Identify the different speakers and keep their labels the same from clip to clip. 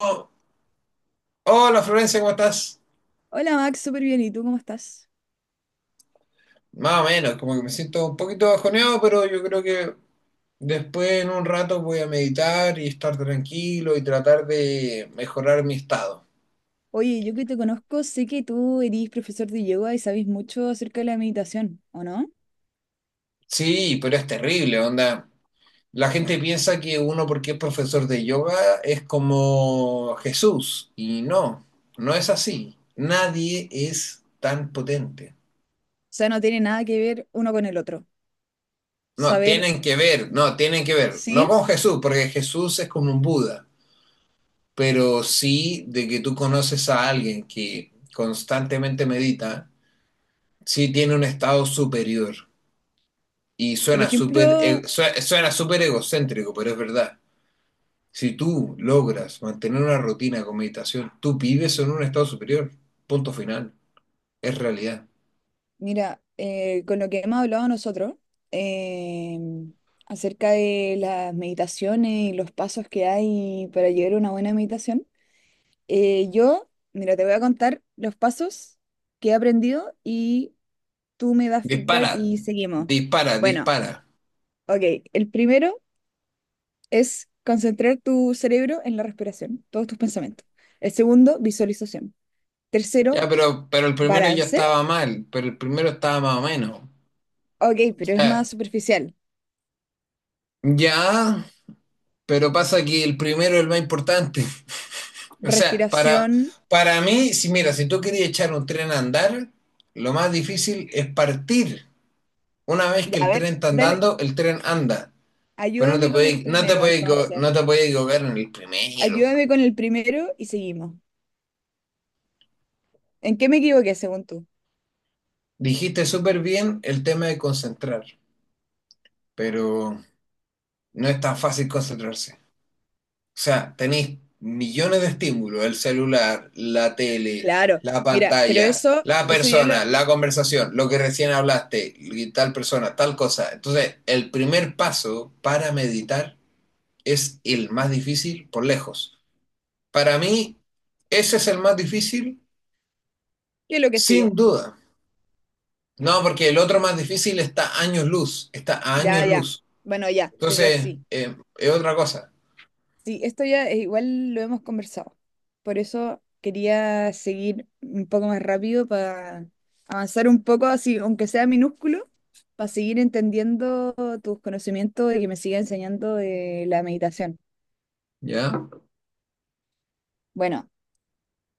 Speaker 1: Oh, hola Florencia, ¿cómo estás?
Speaker 2: Hola Max, súper bien. ¿Y tú cómo estás?
Speaker 1: Más o menos, como que me siento un poquito bajoneado, pero yo creo que después en un rato voy a meditar y estar tranquilo y tratar de mejorar mi estado.
Speaker 2: Oye, yo que te conozco, sé que tú eres profesor de yoga y sabes mucho acerca de la meditación, ¿o no? O
Speaker 1: Sí, pero es terrible, onda. La gente piensa que uno porque es profesor de yoga es como Jesús, y no, no es así. Nadie es tan potente.
Speaker 2: sea, no tiene nada que ver uno con el otro.
Speaker 1: No,
Speaker 2: Saber,
Speaker 1: tienen que ver, no, tienen que ver. No
Speaker 2: sí,
Speaker 1: con Jesús, porque Jesús es como un Buda. Pero sí de que tú conoces a alguien que constantemente medita, sí tiene un estado superior. Y
Speaker 2: por
Speaker 1: suena súper
Speaker 2: ejemplo,
Speaker 1: egocéntrico, pero es verdad. Si tú logras mantener una rutina con meditación, tú vives en un estado superior. Punto final. Es realidad.
Speaker 2: mira, con lo que hemos hablado nosotros eh, acerca de las meditaciones y los pasos que hay para llegar a una buena meditación, yo, mira, te voy a contar los pasos que he aprendido y tú me das
Speaker 1: Dispara,
Speaker 2: feedback y seguimos.
Speaker 1: dispara,
Speaker 2: Bueno.
Speaker 1: dispara.
Speaker 2: Ok, el primero es concentrar tu cerebro en la respiración, todos tus pensamientos. El segundo, visualización.
Speaker 1: Ya,
Speaker 2: Tercero,
Speaker 1: pero el primero ya
Speaker 2: balance.
Speaker 1: estaba mal, pero el primero estaba más o menos. O
Speaker 2: Ok, pero es
Speaker 1: sea,
Speaker 2: más superficial.
Speaker 1: ya, pero pasa que el primero es el más importante. O sea, para,
Speaker 2: Respiración.
Speaker 1: para mí, si mira, si tú querías echar un tren a andar, lo más difícil es partir. Una vez
Speaker 2: Ya,
Speaker 1: que
Speaker 2: a
Speaker 1: el
Speaker 2: ver,
Speaker 1: tren está
Speaker 2: dale,
Speaker 1: andando, el tren anda. Pero
Speaker 2: ayúdame con el primero entonces.
Speaker 1: no te puedes equivocar en el primero.
Speaker 2: Ayúdame con el primero y seguimos. ¿En qué me equivoqué según tú?
Speaker 1: Dijiste súper bien el tema de concentrar, pero no es tan fácil concentrarse. O sea, tenéis millones de estímulos, el celular, la tele,
Speaker 2: Claro,
Speaker 1: la
Speaker 2: mira, pero
Speaker 1: pantalla,
Speaker 2: eso,
Speaker 1: la
Speaker 2: eso ya lo,
Speaker 1: persona, la conversación, lo que recién hablaste, y tal persona, tal cosa. Entonces, el primer paso para meditar es el más difícil por lejos. Para mí, ese es el más difícil,
Speaker 2: ¿qué es lo que sigue?
Speaker 1: sin duda. No, porque el otro más difícil está a años luz, está a
Speaker 2: Ya,
Speaker 1: años
Speaker 2: ya.
Speaker 1: luz.
Speaker 2: Bueno, ya, pero
Speaker 1: Entonces,
Speaker 2: sí.
Speaker 1: es otra cosa,
Speaker 2: Sí, esto ya igual lo hemos conversado. Por eso quería seguir un poco más rápido para avanzar un poco, así, aunque sea minúsculo, para seguir entendiendo tus conocimientos y que me siga enseñando de la meditación.
Speaker 1: ¿ya?
Speaker 2: Bueno,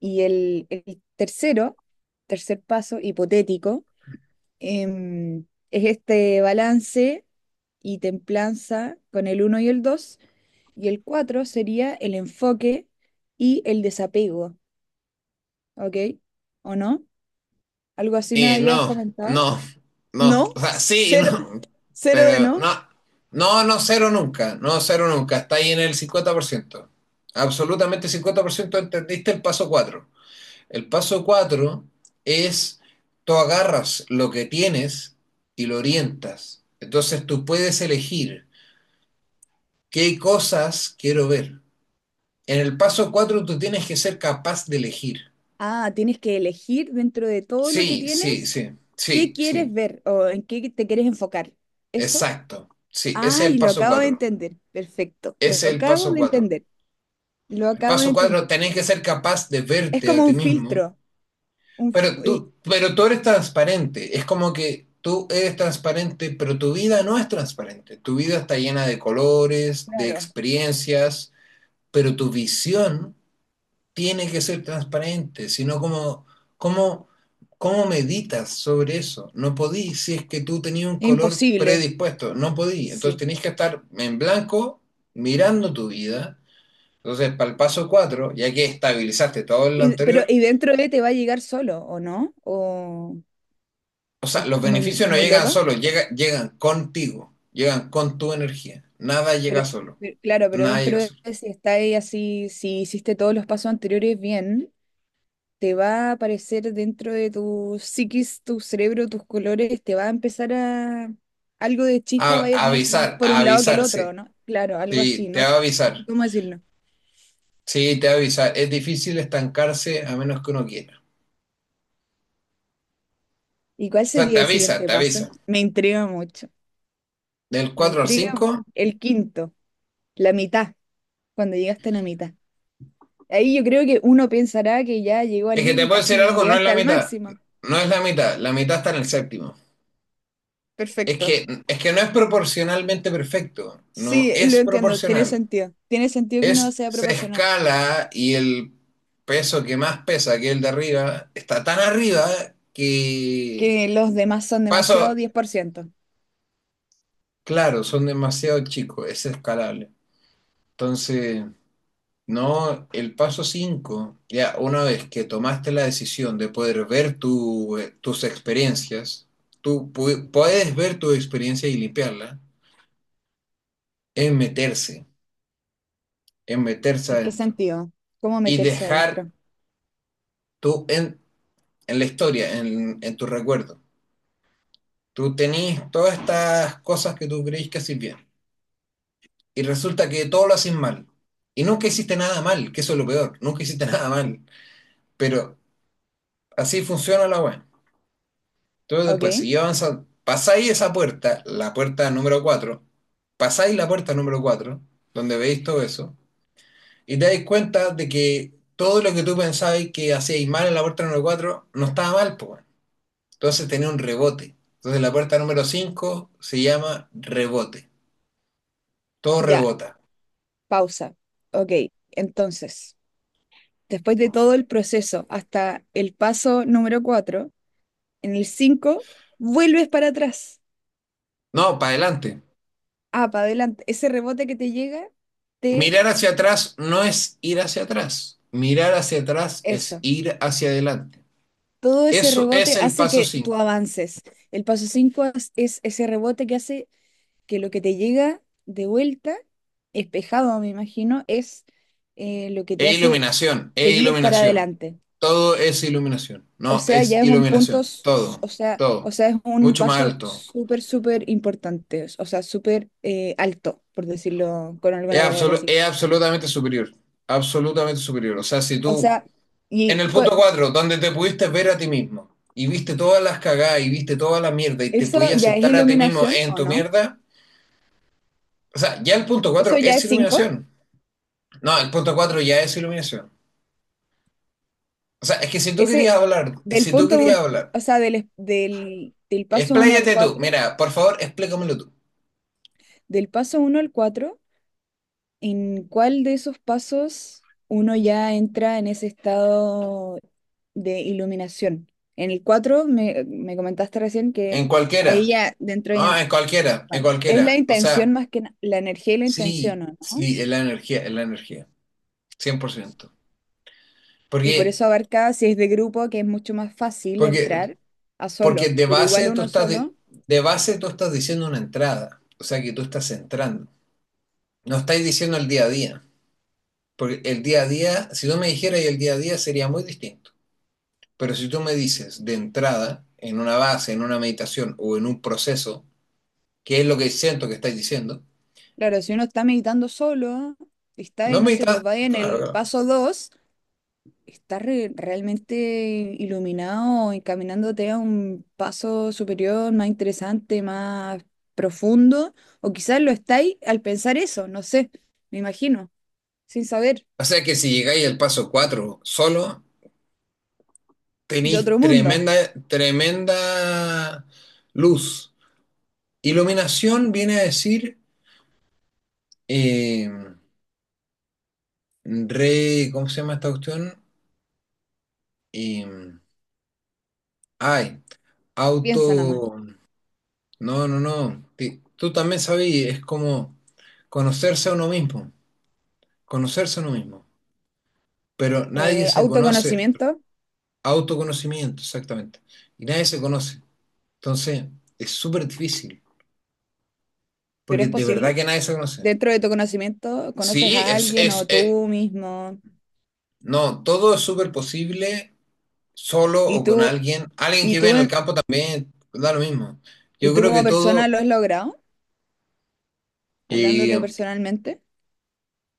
Speaker 2: y el tercero, tercer paso hipotético, em, es este balance y templanza con el uno y el 2 y el 4 sería el enfoque y el desapego. ¿Ok? ¿O no? ¿Algo así me
Speaker 1: Y
Speaker 2: habías
Speaker 1: no,
Speaker 2: comentado?
Speaker 1: no, no, o
Speaker 2: No,
Speaker 1: sea, sí y
Speaker 2: cero,
Speaker 1: no,
Speaker 2: cero de
Speaker 1: pero
Speaker 2: no.
Speaker 1: no, no, no, cero nunca, no, cero nunca, está ahí en el 50%. Absolutamente 50% entendiste el paso 4. El paso 4 es, tú agarras lo que tienes y lo orientas, entonces tú puedes elegir qué cosas quiero ver. En el paso 4 tú tienes que ser capaz de elegir.
Speaker 2: Ah, tienes que elegir dentro de todo lo que
Speaker 1: Sí, sí,
Speaker 2: tienes
Speaker 1: sí,
Speaker 2: qué
Speaker 1: sí,
Speaker 2: quieres
Speaker 1: sí,
Speaker 2: ver o en qué te quieres enfocar. ¿Eso?
Speaker 1: exacto, sí, ese es el
Speaker 2: Ay, lo
Speaker 1: paso
Speaker 2: acabo de
Speaker 1: 4.
Speaker 2: entender. Perfecto. Lo
Speaker 1: Ese es el
Speaker 2: acabo
Speaker 1: paso
Speaker 2: de
Speaker 1: cuatro.
Speaker 2: entender. Lo
Speaker 1: El
Speaker 2: acabo de
Speaker 1: paso 4
Speaker 2: entender.
Speaker 1: tenés que ser capaz de
Speaker 2: Es
Speaker 1: verte a
Speaker 2: como
Speaker 1: ti
Speaker 2: un
Speaker 1: mismo,
Speaker 2: filtro. Un,
Speaker 1: pero
Speaker 2: y-
Speaker 1: tú, pero tú eres transparente. Es como que tú eres transparente, pero tu vida no es transparente. Tu vida está llena de colores, de
Speaker 2: claro.
Speaker 1: experiencias, pero tu visión tiene que ser transparente, sino como, ¿cómo meditas sobre eso? No podí, si es que tú tenías un
Speaker 2: Es
Speaker 1: color
Speaker 2: imposible.
Speaker 1: predispuesto, no podí. Entonces
Speaker 2: Sí.
Speaker 1: tenés que estar en blanco mirando tu vida. Entonces, para el paso 4 ya que estabilizaste todo lo
Speaker 2: Y, pero,
Speaker 1: anterior,
Speaker 2: y dentro de te va a llegar solo, ¿o no?
Speaker 1: o
Speaker 2: O
Speaker 1: sea,
Speaker 2: es
Speaker 1: los
Speaker 2: muy,
Speaker 1: beneficios no
Speaker 2: muy
Speaker 1: llegan
Speaker 2: loco?
Speaker 1: solos, llegan contigo, llegan con tu energía. Nada
Speaker 2: Pero,
Speaker 1: llega solo,
Speaker 2: pero- claro, pero
Speaker 1: nada
Speaker 2: dentro
Speaker 1: llega
Speaker 2: de
Speaker 1: solo.
Speaker 2: si está ahí así, si hiciste todos los pasos anteriores bien, te va a aparecer dentro de tu psiquis, tu cerebro, tus colores, te va a empezar a algo de chispa
Speaker 1: A-
Speaker 2: vaya a tener más
Speaker 1: avisar,
Speaker 2: por
Speaker 1: a
Speaker 2: un lado que el
Speaker 1: avisar,
Speaker 2: otro,
Speaker 1: sí.
Speaker 2: ¿no? Claro, algo
Speaker 1: Sí,
Speaker 2: así,
Speaker 1: te
Speaker 2: no
Speaker 1: va
Speaker 2: sé
Speaker 1: a
Speaker 2: no
Speaker 1: avisar.
Speaker 2: cómo decirlo.
Speaker 1: Sí, te va a avisar. Es difícil estancarse a menos que uno quiera.
Speaker 2: ¿Y cuál
Speaker 1: O sea, te
Speaker 2: sería el
Speaker 1: avisa,
Speaker 2: siguiente
Speaker 1: te
Speaker 2: paso?
Speaker 1: avisa.
Speaker 2: Me intriga mucho,
Speaker 1: Del
Speaker 2: me
Speaker 1: 4 al
Speaker 2: intriga mu-
Speaker 1: cinco,
Speaker 2: el quinto, la mitad, cuando llegaste a la mitad. Ahí yo creo que uno pensará que ya llegó al
Speaker 1: es que te
Speaker 2: límite,
Speaker 1: puedo decir
Speaker 2: así
Speaker 1: algo, no es
Speaker 2: llegaste
Speaker 1: la
Speaker 2: al
Speaker 1: mitad.
Speaker 2: máximo.
Speaker 1: No es la mitad está en el séptimo. Es
Speaker 2: Perfecto.
Speaker 1: que, es que no es proporcionalmente perfecto, no
Speaker 2: Sí, lo
Speaker 1: es
Speaker 2: entiendo, tiene
Speaker 1: proporcional.
Speaker 2: sentido. Tiene sentido que no
Speaker 1: Es,
Speaker 2: sea
Speaker 1: se
Speaker 2: proporcional,
Speaker 1: escala y el peso que más pesa, que el de arriba, está tan arriba que
Speaker 2: que los demás son demasiado
Speaker 1: paso,
Speaker 2: diez por ciento.
Speaker 1: claro, son demasiado chicos, es escalable. Entonces, no, el paso 5 ya una vez que tomaste la decisión de poder ver tus experiencias, tú puedes ver tu experiencia y limpiarla, es meterse, es meterse
Speaker 2: ¿En qué
Speaker 1: adentro
Speaker 2: sentido? ¿Cómo
Speaker 1: y
Speaker 2: meterse
Speaker 1: dejar
Speaker 2: adentro?
Speaker 1: tú en la historia, en tu recuerdo. Tú tenés todas estas cosas que tú creís que haces bien y resulta que todo lo haces mal. Y nunca hiciste nada mal, que eso es lo peor, nunca hiciste nada mal. Pero así funciona la web. Entonces
Speaker 2: ¿Ok?
Speaker 1: después, si avanzas, pasáis esa puerta, la puerta número 4, pasáis la puerta número 4, donde veis todo eso, y te dais cuenta de que todo lo que tú pensabas que hacíais mal en la puerta número 4 no estaba mal, pues. Entonces tenía un rebote. Entonces la puerta número 5 se llama rebote. Todo
Speaker 2: Ya,
Speaker 1: rebota.
Speaker 2: pausa. Ok, entonces, después de todo el proceso hasta el paso número 4, en el 5 vuelves para atrás.
Speaker 1: No, para adelante.
Speaker 2: Ah, para adelante. Ese rebote que te llega, te.
Speaker 1: Mirar hacia atrás no es ir hacia atrás. Mirar hacia atrás es
Speaker 2: Eso.
Speaker 1: ir hacia adelante.
Speaker 2: Todo ese
Speaker 1: Eso es
Speaker 2: rebote
Speaker 1: el
Speaker 2: hace
Speaker 1: paso
Speaker 2: que tú
Speaker 1: 5.
Speaker 2: avances. El paso 5 es ese rebote que hace que lo que te llega de vuelta, espejado, me imagino, es lo que te
Speaker 1: E
Speaker 2: hace
Speaker 1: iluminación, e
Speaker 2: seguir para
Speaker 1: iluminación.
Speaker 2: adelante.
Speaker 1: Todo es iluminación.
Speaker 2: O
Speaker 1: No,
Speaker 2: sea,
Speaker 1: es
Speaker 2: ya es un punto,
Speaker 1: iluminación. Todo,
Speaker 2: o sea,
Speaker 1: todo.
Speaker 2: es un
Speaker 1: Mucho más
Speaker 2: paso
Speaker 1: alto.
Speaker 2: súper, súper importante, o sea, súper alto, por decirlo con
Speaker 1: Es,
Speaker 2: alguna palabra
Speaker 1: absolu-
Speaker 2: así.
Speaker 1: es absolutamente superior. Absolutamente superior. O sea, si
Speaker 2: O
Speaker 1: tú,
Speaker 2: sea,
Speaker 1: en
Speaker 2: y
Speaker 1: el
Speaker 2: cu-
Speaker 1: punto 4, donde te pudiste ver a ti mismo y viste todas las cagadas y viste toda la mierda y te
Speaker 2: eso
Speaker 1: pudiste
Speaker 2: ya es
Speaker 1: aceptar a ti mismo
Speaker 2: iluminación,
Speaker 1: en
Speaker 2: ¿o
Speaker 1: tu
Speaker 2: no?
Speaker 1: mierda. O sea, ya el punto 4
Speaker 2: Eso ya
Speaker 1: es
Speaker 2: es cinco.
Speaker 1: iluminación. No, el punto 4 ya es iluminación. O sea, es que si tú
Speaker 2: Ese,
Speaker 1: querías hablar,
Speaker 2: del
Speaker 1: si tú
Speaker 2: punto
Speaker 1: querías
Speaker 2: uno,
Speaker 1: hablar,
Speaker 2: o sea, del paso uno al
Speaker 1: expláyate tú.
Speaker 2: cuatro,
Speaker 1: Mira, por favor, explícamelo tú.
Speaker 2: del paso uno al cuatro. ¿En cuál de esos pasos uno ya entra en ese estado de iluminación? En el 4 me comentaste recién que
Speaker 1: En
Speaker 2: ahí
Speaker 1: cualquiera.
Speaker 2: ya dentro ya.
Speaker 1: No, en cualquiera, en
Speaker 2: Bueno, es la
Speaker 1: cualquiera. O sea,
Speaker 2: intención más que la energía y la intención,
Speaker 1: sí,
Speaker 2: ¿o no?
Speaker 1: sí, es la energía, es la energía. 100%.
Speaker 2: Y por
Speaker 1: Porque,
Speaker 2: eso abarca, si es de grupo, que es mucho más fácil
Speaker 1: porque,
Speaker 2: entrar a
Speaker 1: porque
Speaker 2: solo, pero igual uno solo,
Speaker 1: de base tú estás diciendo una entrada. O sea, que tú estás entrando. No estáis diciendo el día a día. Porque el día a día, si tú me dijeras el día a día, sería muy distinto. Pero si tú me dices de entrada, en una base, en una meditación o en un proceso, qué es lo que siento que estáis diciendo,
Speaker 2: claro, si uno está meditando solo, está y
Speaker 1: no
Speaker 2: no sé,
Speaker 1: meditas,
Speaker 2: pues va en
Speaker 1: claro,
Speaker 2: el
Speaker 1: claro.
Speaker 2: paso 2. Estás realmente iluminado, encaminándote a un paso superior, más interesante, más profundo, o quizás lo estáis al pensar eso, no sé, me imagino, sin saber,
Speaker 1: O sea que si llegáis al paso cuatro solo,
Speaker 2: de otro
Speaker 1: tenéis
Speaker 2: mundo,
Speaker 1: tremenda, tremenda luz. Iluminación viene a decir, eh, ¿cómo se llama esta cuestión? Eh, ay, auto,
Speaker 2: piensa nada más.
Speaker 1: no, no, no, tú también sabías, es como conocerse a uno mismo. Conocerse a uno mismo. Pero nadie se conoce,
Speaker 2: Autoconocimiento,
Speaker 1: autoconocimiento, exactamente. Y nadie se conoce. Entonces, es súper difícil,
Speaker 2: pero
Speaker 1: porque
Speaker 2: es
Speaker 1: de verdad
Speaker 2: posible.
Speaker 1: que nadie se conoce.
Speaker 2: Dentro de tu conocimiento, conoces
Speaker 1: Sí,
Speaker 2: a alguien o tú mismo,
Speaker 1: no, todo es súper posible solo
Speaker 2: y
Speaker 1: o con
Speaker 2: tú,
Speaker 1: alguien. Alguien que
Speaker 2: y
Speaker 1: vive
Speaker 2: tú,
Speaker 1: en el campo también da lo mismo.
Speaker 2: y
Speaker 1: Yo
Speaker 2: tú
Speaker 1: creo que
Speaker 2: como
Speaker 1: todo,
Speaker 2: persona lo has logrado, hablándote
Speaker 1: eh,
Speaker 2: personalmente.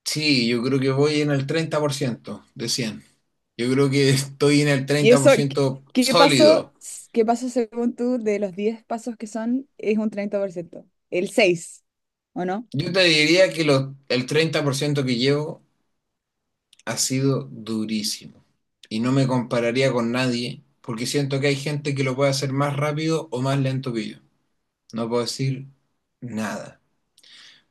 Speaker 1: sí, yo creo que voy en el 30% de 100. Yo creo que estoy en el
Speaker 2: ¿Y eso qué
Speaker 1: 30%
Speaker 2: pasó?
Speaker 1: sólido.
Speaker 2: ¿Qué pasó según tú de los 10 pasos que son? Es un 30%. El seis, ¿o no?
Speaker 1: Yo te diría que el 30% que llevo ha sido durísimo. Y no me compararía con nadie, porque siento que hay gente que lo puede hacer más rápido o más lento que yo. No puedo decir nada.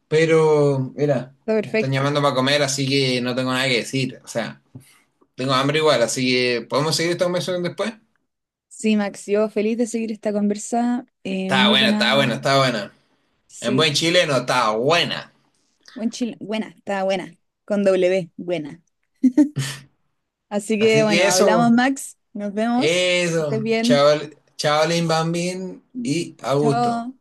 Speaker 1: Pero, mira,
Speaker 2: Está
Speaker 1: me están
Speaker 2: perfecto.
Speaker 1: llamando para comer, así que no tengo nada que decir. O sea, tengo hambre igual, así que ¿podemos seguir esta conversación después?
Speaker 2: Sí, Max, yo feliz de seguir esta conversa.
Speaker 1: Está
Speaker 2: Muy
Speaker 1: buena, está buena,
Speaker 2: buena.
Speaker 1: está buena. En buen
Speaker 2: Sí,
Speaker 1: chileno, está buena.
Speaker 2: buen chile. Buena, está buena. Con W, buena. Así
Speaker 1: Así
Speaker 2: que
Speaker 1: que
Speaker 2: bueno,
Speaker 1: eso,
Speaker 2: hablamos, Max. Nos vemos. Que
Speaker 1: eso.
Speaker 2: estés bien.
Speaker 1: Chaval, chavalín, bambín y a gusto.
Speaker 2: Chao.